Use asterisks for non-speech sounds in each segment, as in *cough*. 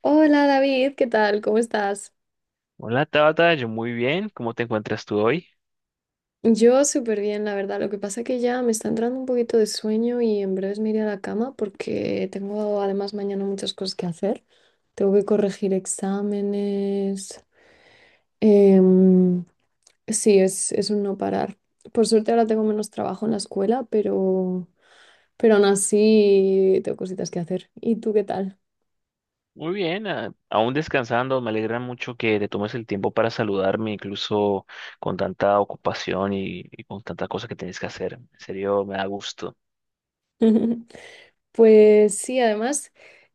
Hola David, ¿qué tal? ¿Cómo estás? Hola Tabata, yo muy bien, ¿cómo te encuentras tú hoy? Yo súper bien, la verdad. Lo que pasa que ya me está entrando un poquito de sueño y en breves me iré a la cama porque tengo además mañana muchas cosas que hacer. Tengo que corregir exámenes. Em, sí, es un no parar. Por suerte ahora tengo menos trabajo en la escuela, pero aún así tengo cositas que hacer. ¿Y tú qué tal? Muy bien, aún descansando, me alegra mucho que te tomes el tiempo para saludarme, incluso con tanta ocupación y con tanta cosa que tienes que hacer. En serio, me da gusto. *laughs* Pues sí, además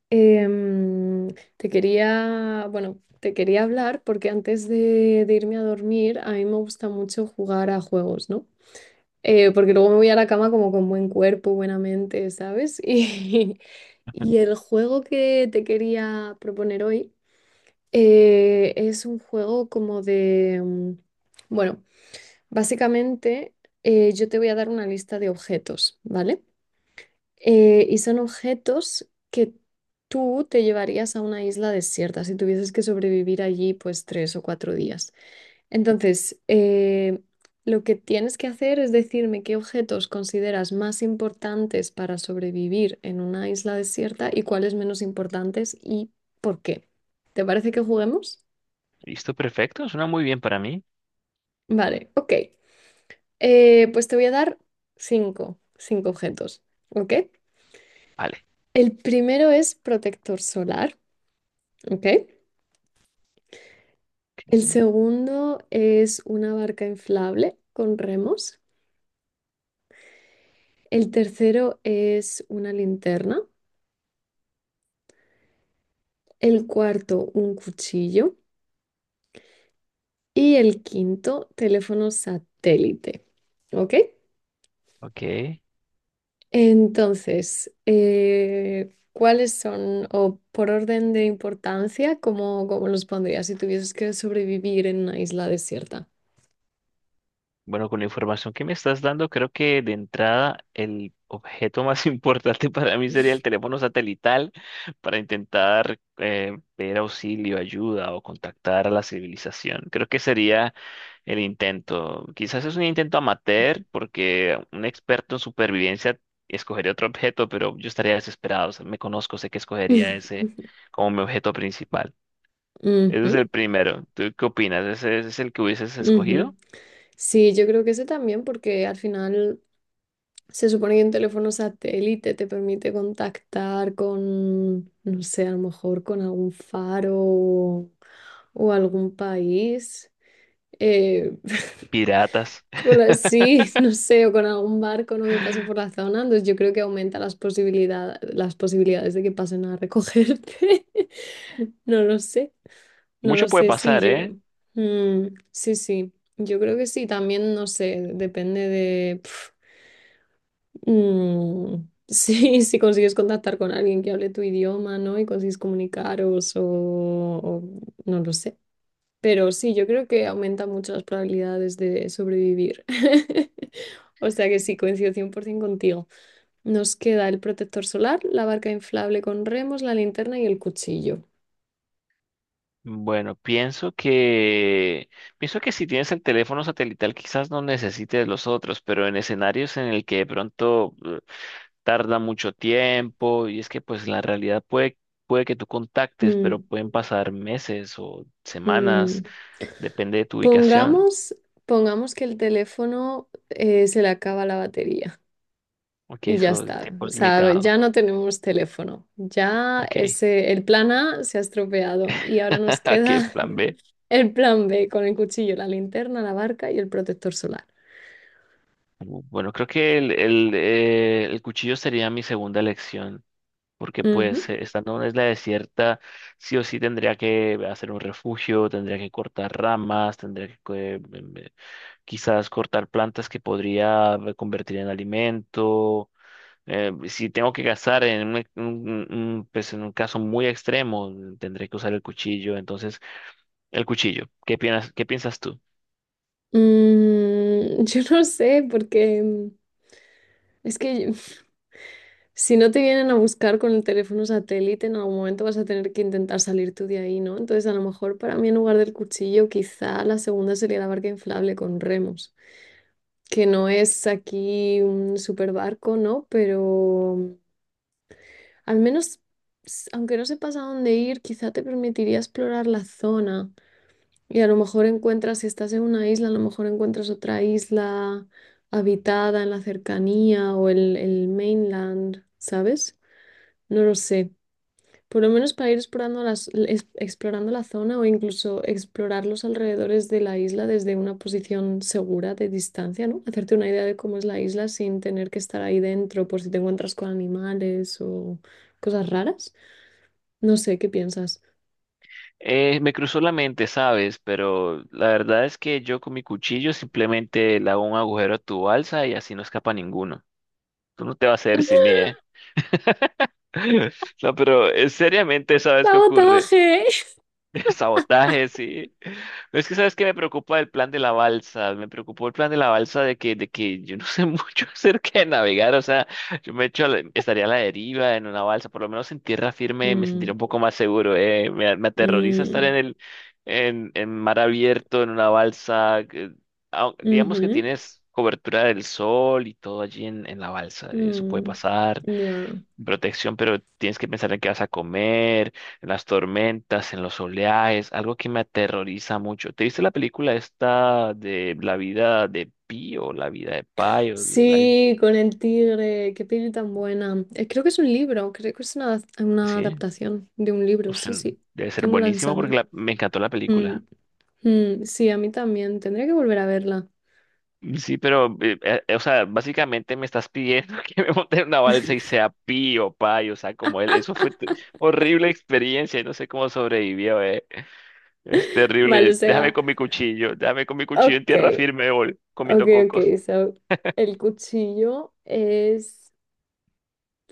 Em, te quería, bueno, te quería hablar porque de irme a dormir, a mí me gusta mucho jugar a juegos, ¿no? Porque luego me voy a la cama como con buen cuerpo, buena mente, ¿sabes? *laughs* Y el juego que te quería proponer hoy es un juego como bueno, básicamente yo te voy a dar una lista de objetos, ¿vale? Y son objetos que tú te llevarías a una isla desierta si tuvieses que sobrevivir allí pues tres o cuatro días. Entonces, lo que tienes que hacer es decirme qué objetos consideras más importantes para sobrevivir en una isla desierta y cuáles menos importantes y por qué. ¿Te parece que juguemos? Listo, perfecto, suena muy bien para mí. Vale, ok. Pues te voy a dar cinco objetos, ¿ok? Vale, El primero es protector solar, ¿ok? El ok. segundo es una barca inflable con remos. El tercero es una linterna. El cuarto, un cuchillo. Y el quinto, teléfono satélite. ¿Ok? Ok. Entonces, ¿cuáles son, o por orden de importancia, cómo los pondrías si tuvieses que sobrevivir en una isla desierta? Bueno, con la información que me estás dando, creo que de entrada el objeto más *laughs* importante para mí sería el teléfono satelital para intentar ver auxilio, ayuda o contactar a la civilización. Creo que sería el intento. Quizás es un intento amateur porque un experto en supervivencia escogería otro objeto, pero yo estaría desesperado. O sea, me conozco, sé que escogería ese *laughs* como mi objeto principal. Ese es Ujú, el primero. ¿Tú qué opinas? ¿Ese es el que hubieses ujú. escogido? Sí, yo creo que ese también, porque al final se supone que un teléfono satélite te permite contactar con, no sé, a lo mejor con algún faro o algún país, eh, Piratas. *laughs* con así, no sé, o con algún barco, ¿no? Que pase por la zona. Entonces yo creo que aumenta las posibilidades de que pasen a recogerte. *laughs* No lo sé, no lo Mucho puede sé, sí, pasar, yo. ¿eh? Mm, sí, sí, yo creo que sí, también, no sé, depende de... Mm, sí, *laughs* si consigues contactar con alguien que hable tu idioma, ¿no? Y consigues comunicaros o no lo sé. Pero sí, yo creo que aumenta mucho las probabilidades de sobrevivir. *laughs* O sea que sí, coincido 100% contigo. Nos queda el protector solar, la barca inflable con remos, la linterna y el cuchillo. Bueno, pienso que si tienes el teléfono satelital quizás no necesites los otros, pero en escenarios en el que de pronto tarda mucho tiempo y es que pues la realidad puede que tú contactes, pero Mm, pueden pasar meses o semanas, mm. depende de tu ubicación. Pongamos, pongamos que el teléfono se le acaba la batería. Ok, Y ya eso el está. tiempo O es sea, limitado. ya no tenemos teléfono. Ya Ok. ese, el plan A se ha estropeado y ahora nos *laughs* Ok, queda plan B. *laughs* el plan B con el cuchillo, la linterna, la barca y el protector solar. Bueno, creo que el cuchillo sería mi segunda elección. Porque Ujú. Estando en una isla desierta, sí o sí tendría que hacer un refugio, tendría que cortar ramas, tendría que eh, em, eh, quizás cortar plantas que podría convertir en alimento. Si tengo que cazar en pues en un caso muy extremo, mm, tendré que usar el cuchillo. Entonces, el cuchillo, ¿qué piensas tú? Mm, *laughs* yo no sé, porque mm, es que *laughs* si no te vienen a buscar con el teléfono satélite, en algún momento vas a tener que intentar salir tú de ahí, ¿no? Entonces, a lo mejor para mí en lugar del cuchillo, quizá la segunda sería la barca inflable con remos. Que no es aquí un super barco, ¿no? Pero mm, al menos, aunque no sepas a dónde ir, quizá te permitiría explorar la zona. Y a lo mejor encuentras, si estás en una isla, a lo mejor encuentras otra isla habitada en la cercanía o el mainland, ¿sabes? No lo sé. Por lo menos para ir explorando la zona o incluso explorar los alrededores de la isla desde una posición segura de distancia, ¿no? Hacerte una idea de cómo es la isla sin tener que estar ahí dentro por si te encuentras con animales o cosas raras. No sé, ¿qué piensas? Me cruzó la mente, ¿sabes? Pero la verdad es que yo con mi cuchillo simplemente le hago un agujero a tu balsa y así no escapa ninguno. Tú no te vas a hacer sin mí, ¿eh? *laughs* No, pero seriamente, ¿sabes qué ocurre? ¡Sabotaje! *laughs* *laughs* Sabotaje, sí. Es que, ¿sabes qué me preocupa el plan de la balsa? Me preocupó el plan de la balsa de que yo no sé *laughs* mucho acerca de navegar. O sea, yo me echo, estaría a la deriva en una balsa. Por lo menos en tierra firme me sentiría Mm, un poco más seguro, ¿eh? Me aterroriza estar mm, en mar abierto, en una balsa. Digamos que ujú, tienes cobertura del sol y todo allí en la balsa. Eso puede mm, pasar ya. protección, pero tienes que pensar en qué vas a comer, en las tormentas, en los oleajes, algo que me aterroriza mucho. ¿Te viste la película esta de La vida de Pi o La vida de Pai? Sí, con el tigre, qué peli tan buena. Creo que es un libro, creo que es una Sí. adaptación de un libro, O sea, sí, sí, debe ser tengo la buenísimo porque sensación. Me encantó la Mm, película. mm, sí, a mí también, tendría que volver a verla. Sí, pero, o sea, básicamente me estás pidiendo *laughs* que me monte en una balsa y sea Pi o Pai, o sea, como él. Eso fue horrible experiencia, y no sé cómo sobrevivió, eh. Es Vale, o terrible. Déjame sea, con mi cuchillo. Déjame con mi cuchillo en ok, tierra firme, gol, ok, comiendo cocos. ok, so, el cuchillo es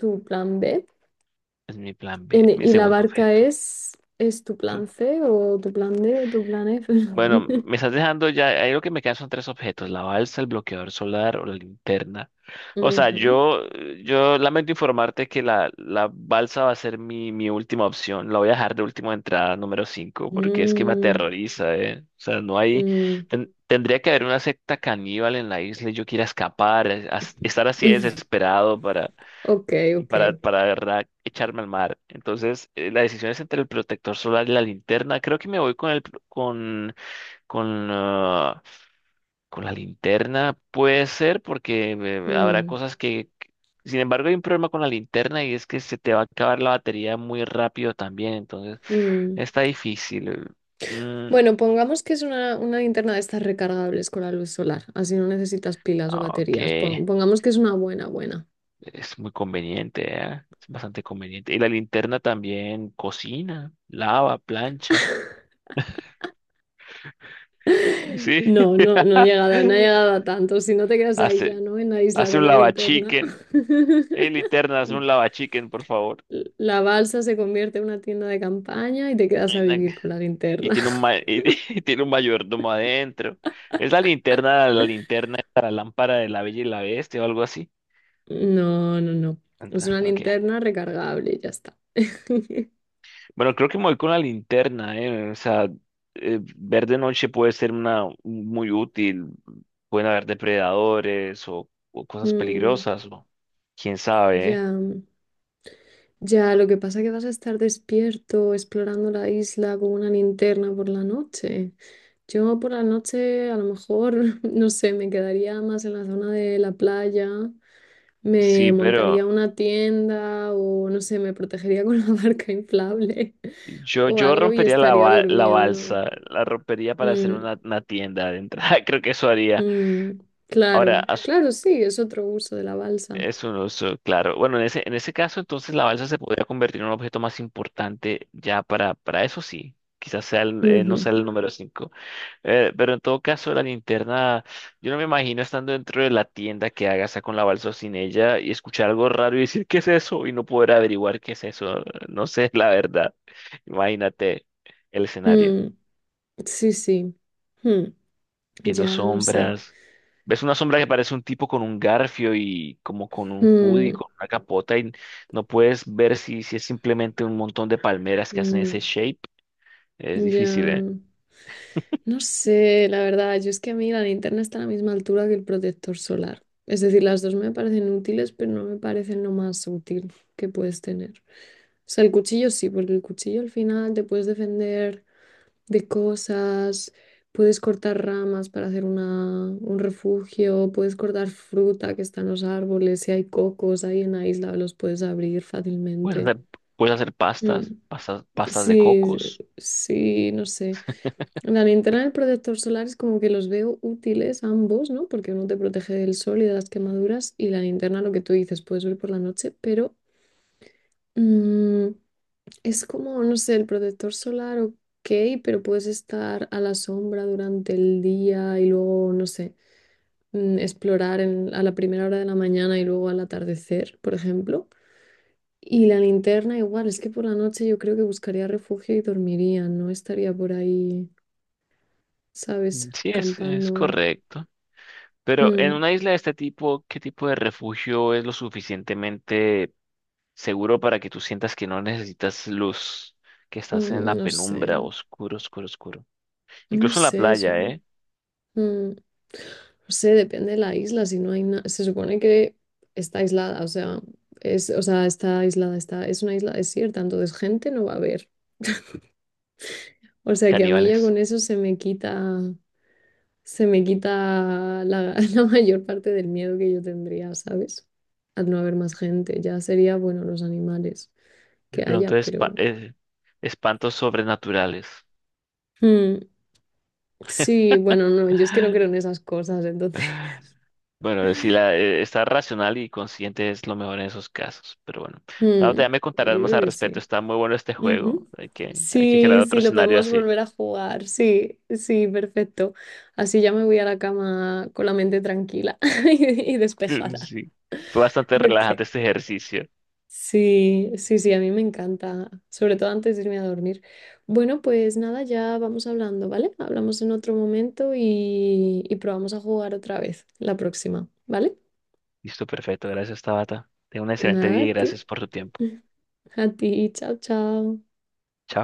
tu plan B Es mi plan B, mi y la segundo barca objeto. Es tu Tú- plan C o tu plan D, tu plan F. Bueno, *laughs* me estás dejando ya. Ahí lo que me quedan son tres objetos: la balsa, el bloqueador solar o la linterna. O sea, Ujú. Yo lamento informarte que la balsa va a ser mi última opción. La voy a dejar de última entrada, número 5, porque es que me Mm, aterroriza, ¿eh? O sea, no hay. mm. Tendría que haber una secta caníbal en la isla y yo quiera escapar, estar así *laughs* desesperado para. Ok, ok. Para echarme al mar. Entonces, la decisión es entre el protector solar y la linterna. Creo que me voy con el pro- con ah, con la linterna. Puede ser porque habrá Mm, cosas Sin embargo, hay un problema con la linterna y es que se te va a acabar la batería muy rápido también, entonces mm. está difícil. Mm, Bueno, pongamos que es una linterna de estas recargables con la luz solar, así no necesitas pilas o ah, ok, baterías. Pongamos que es una buena, buena. es muy conveniente, ¿eh? Es bastante conveniente. Y la linterna también cocina, lava, plancha. Sí. No, no, no he *laughs* llegado, no he llegado a tanto. Si no te quedas ahí ya, Hace, ¿no? En la isla hace con un la linterna. lavachicken. *laughs* Linterna, hace un lavachicken, por favor. La balsa se convierte en una tienda de campaña y te quedas a vivir con la Y linterna. tiene *laughs* *laughs* y tiene un mayordomo adentro. Es la linterna, la lámpara de la Bella y la Bestia o algo así. No, no, no. Es Anda, una ok. linterna recargable, ya está. *laughs* Bueno, creo que me voy con la linterna, ¿eh? O sea, ver de noche puede ser una muy útil. Pueden haber depredadores o cosas Mm, peligrosas, o quién sabe, ¿eh? ya. Ya, lo que pasa es que vas a estar despierto explorando la isla con una linterna por la noche. Yo por la noche a lo mejor, *laughs* no sé, me quedaría más en la zona de la playa, me Sí, montaría pero. una tienda o no sé, me protegería con *laughs* la barca inflable o Yo algo y rompería estaría la durmiendo. balsa, la rompería para hacer Mm, una tienda de entrada, *laughs* creo que eso haría. mm, Ahora, claro, claro, sí, es otro uso de la balsa. es un oso, claro. Bueno, en en ese caso, entonces la balsa se podría convertir en un objeto más importante ya para eso sí. Quizás no Ujú, sea el número cinco. Pero en todo caso, la linterna, yo no me imagino estando dentro de la tienda que haga sea con la balsa o sin ella y escuchar algo raro y decir, ¿qué es eso? Y no poder averiguar qué es eso. No sé, *laughs* la verdad. Imagínate el escenario. mm, sí, sí. Mm, Viendo ya, no sé. sombras. Ves una sombra que parece un tipo con un garfio y como con un hoodie, Mm, con una capota y no puedes ver si es simplemente un montón de palmeras que hacen ese mm, shape. Es difícil, ¿eh? ya. No sé, la verdad, yo es que a mí la linterna está a la misma altura que el protector solar. Es decir, las dos me parecen útiles, pero no me parecen lo más útil que puedes tener. O sea, el cuchillo sí, porque el cuchillo al final te puedes defender de cosas, puedes cortar ramas para hacer un refugio, puedes cortar fruta que está en los árboles, si hay cocos ahí en la isla, los puedes abrir Puedes fácilmente. hacer, puedes hacer pastas, Mm, pastas de sí, cocos. sí, no sé. La linterna y el protector solar es como que los veo útiles ambos, ¿no? Porque uno te protege del sol y de las quemaduras y la linterna, lo que tú dices, puedes ver por la noche, pero mm, es como, no sé, el protector solar, ok, pero puedes estar a la sombra durante el día y luego, no sé, mm, a la primera hora de la mañana y luego al atardecer, por ejemplo. Y la linterna igual, es que por la noche yo creo que buscaría refugio y dormiría, no estaría por ahí, ¿sabes? Sí, es Campando. correcto. Pero en Mm, una isla de este tipo, ¿qué tipo de refugio es lo suficientemente seguro para que tú sientas que no necesitas luz, que estás en mm, la no penumbra, sé, oscuro, oscuro, oscuro? no Incluso en la sé, playa, supo- ¿eh? mm, no sé, depende de la isla, si no hay nada, se supone que está aislada, o sea, o sea, está aislada, es una isla desierta, entonces gente no va a haber. O sea que a mí ya con Caníbales. eso se me quita la, *laughs* la mayor parte del miedo que yo tendría, ¿sabes? Al no haber más gente, ya sería, bueno, los animales que Pero haya, entonces pero... espantos sobrenaturales. Mm, sí, bueno, no, yo es que no creo en *gasps* esas cosas, entonces... Bueno, si la, estar racional y consciente es lo mejor en esos casos. Pero bueno, Mm, Tabata, ya me contarás yo más creo al que respecto. sí. Está muy bueno este Ujú. juego. Hay que Sí, crear otro sí, lo escenario podemos así. volver a jugar. Sí, sí, perfecto. Así ya me voy a la cama con la mente tranquila *laughs* y *laughs* despejada. Sí. Fue bastante *laughs* Ok. relajante este ejercicio. Sí, sí, sí, a mí me encanta, sobre todo antes de irme a dormir. Bueno, pues nada, ya vamos hablando, ¿vale? Hablamos en otro momento y probamos a jugar otra vez la próxima, ¿vale? Listo, perfecto. Gracias, Tabata. Tenga un excelente Nada, día a y ti, gracias por tu tiempo. *laughs* a ti, chao, chao. Chao.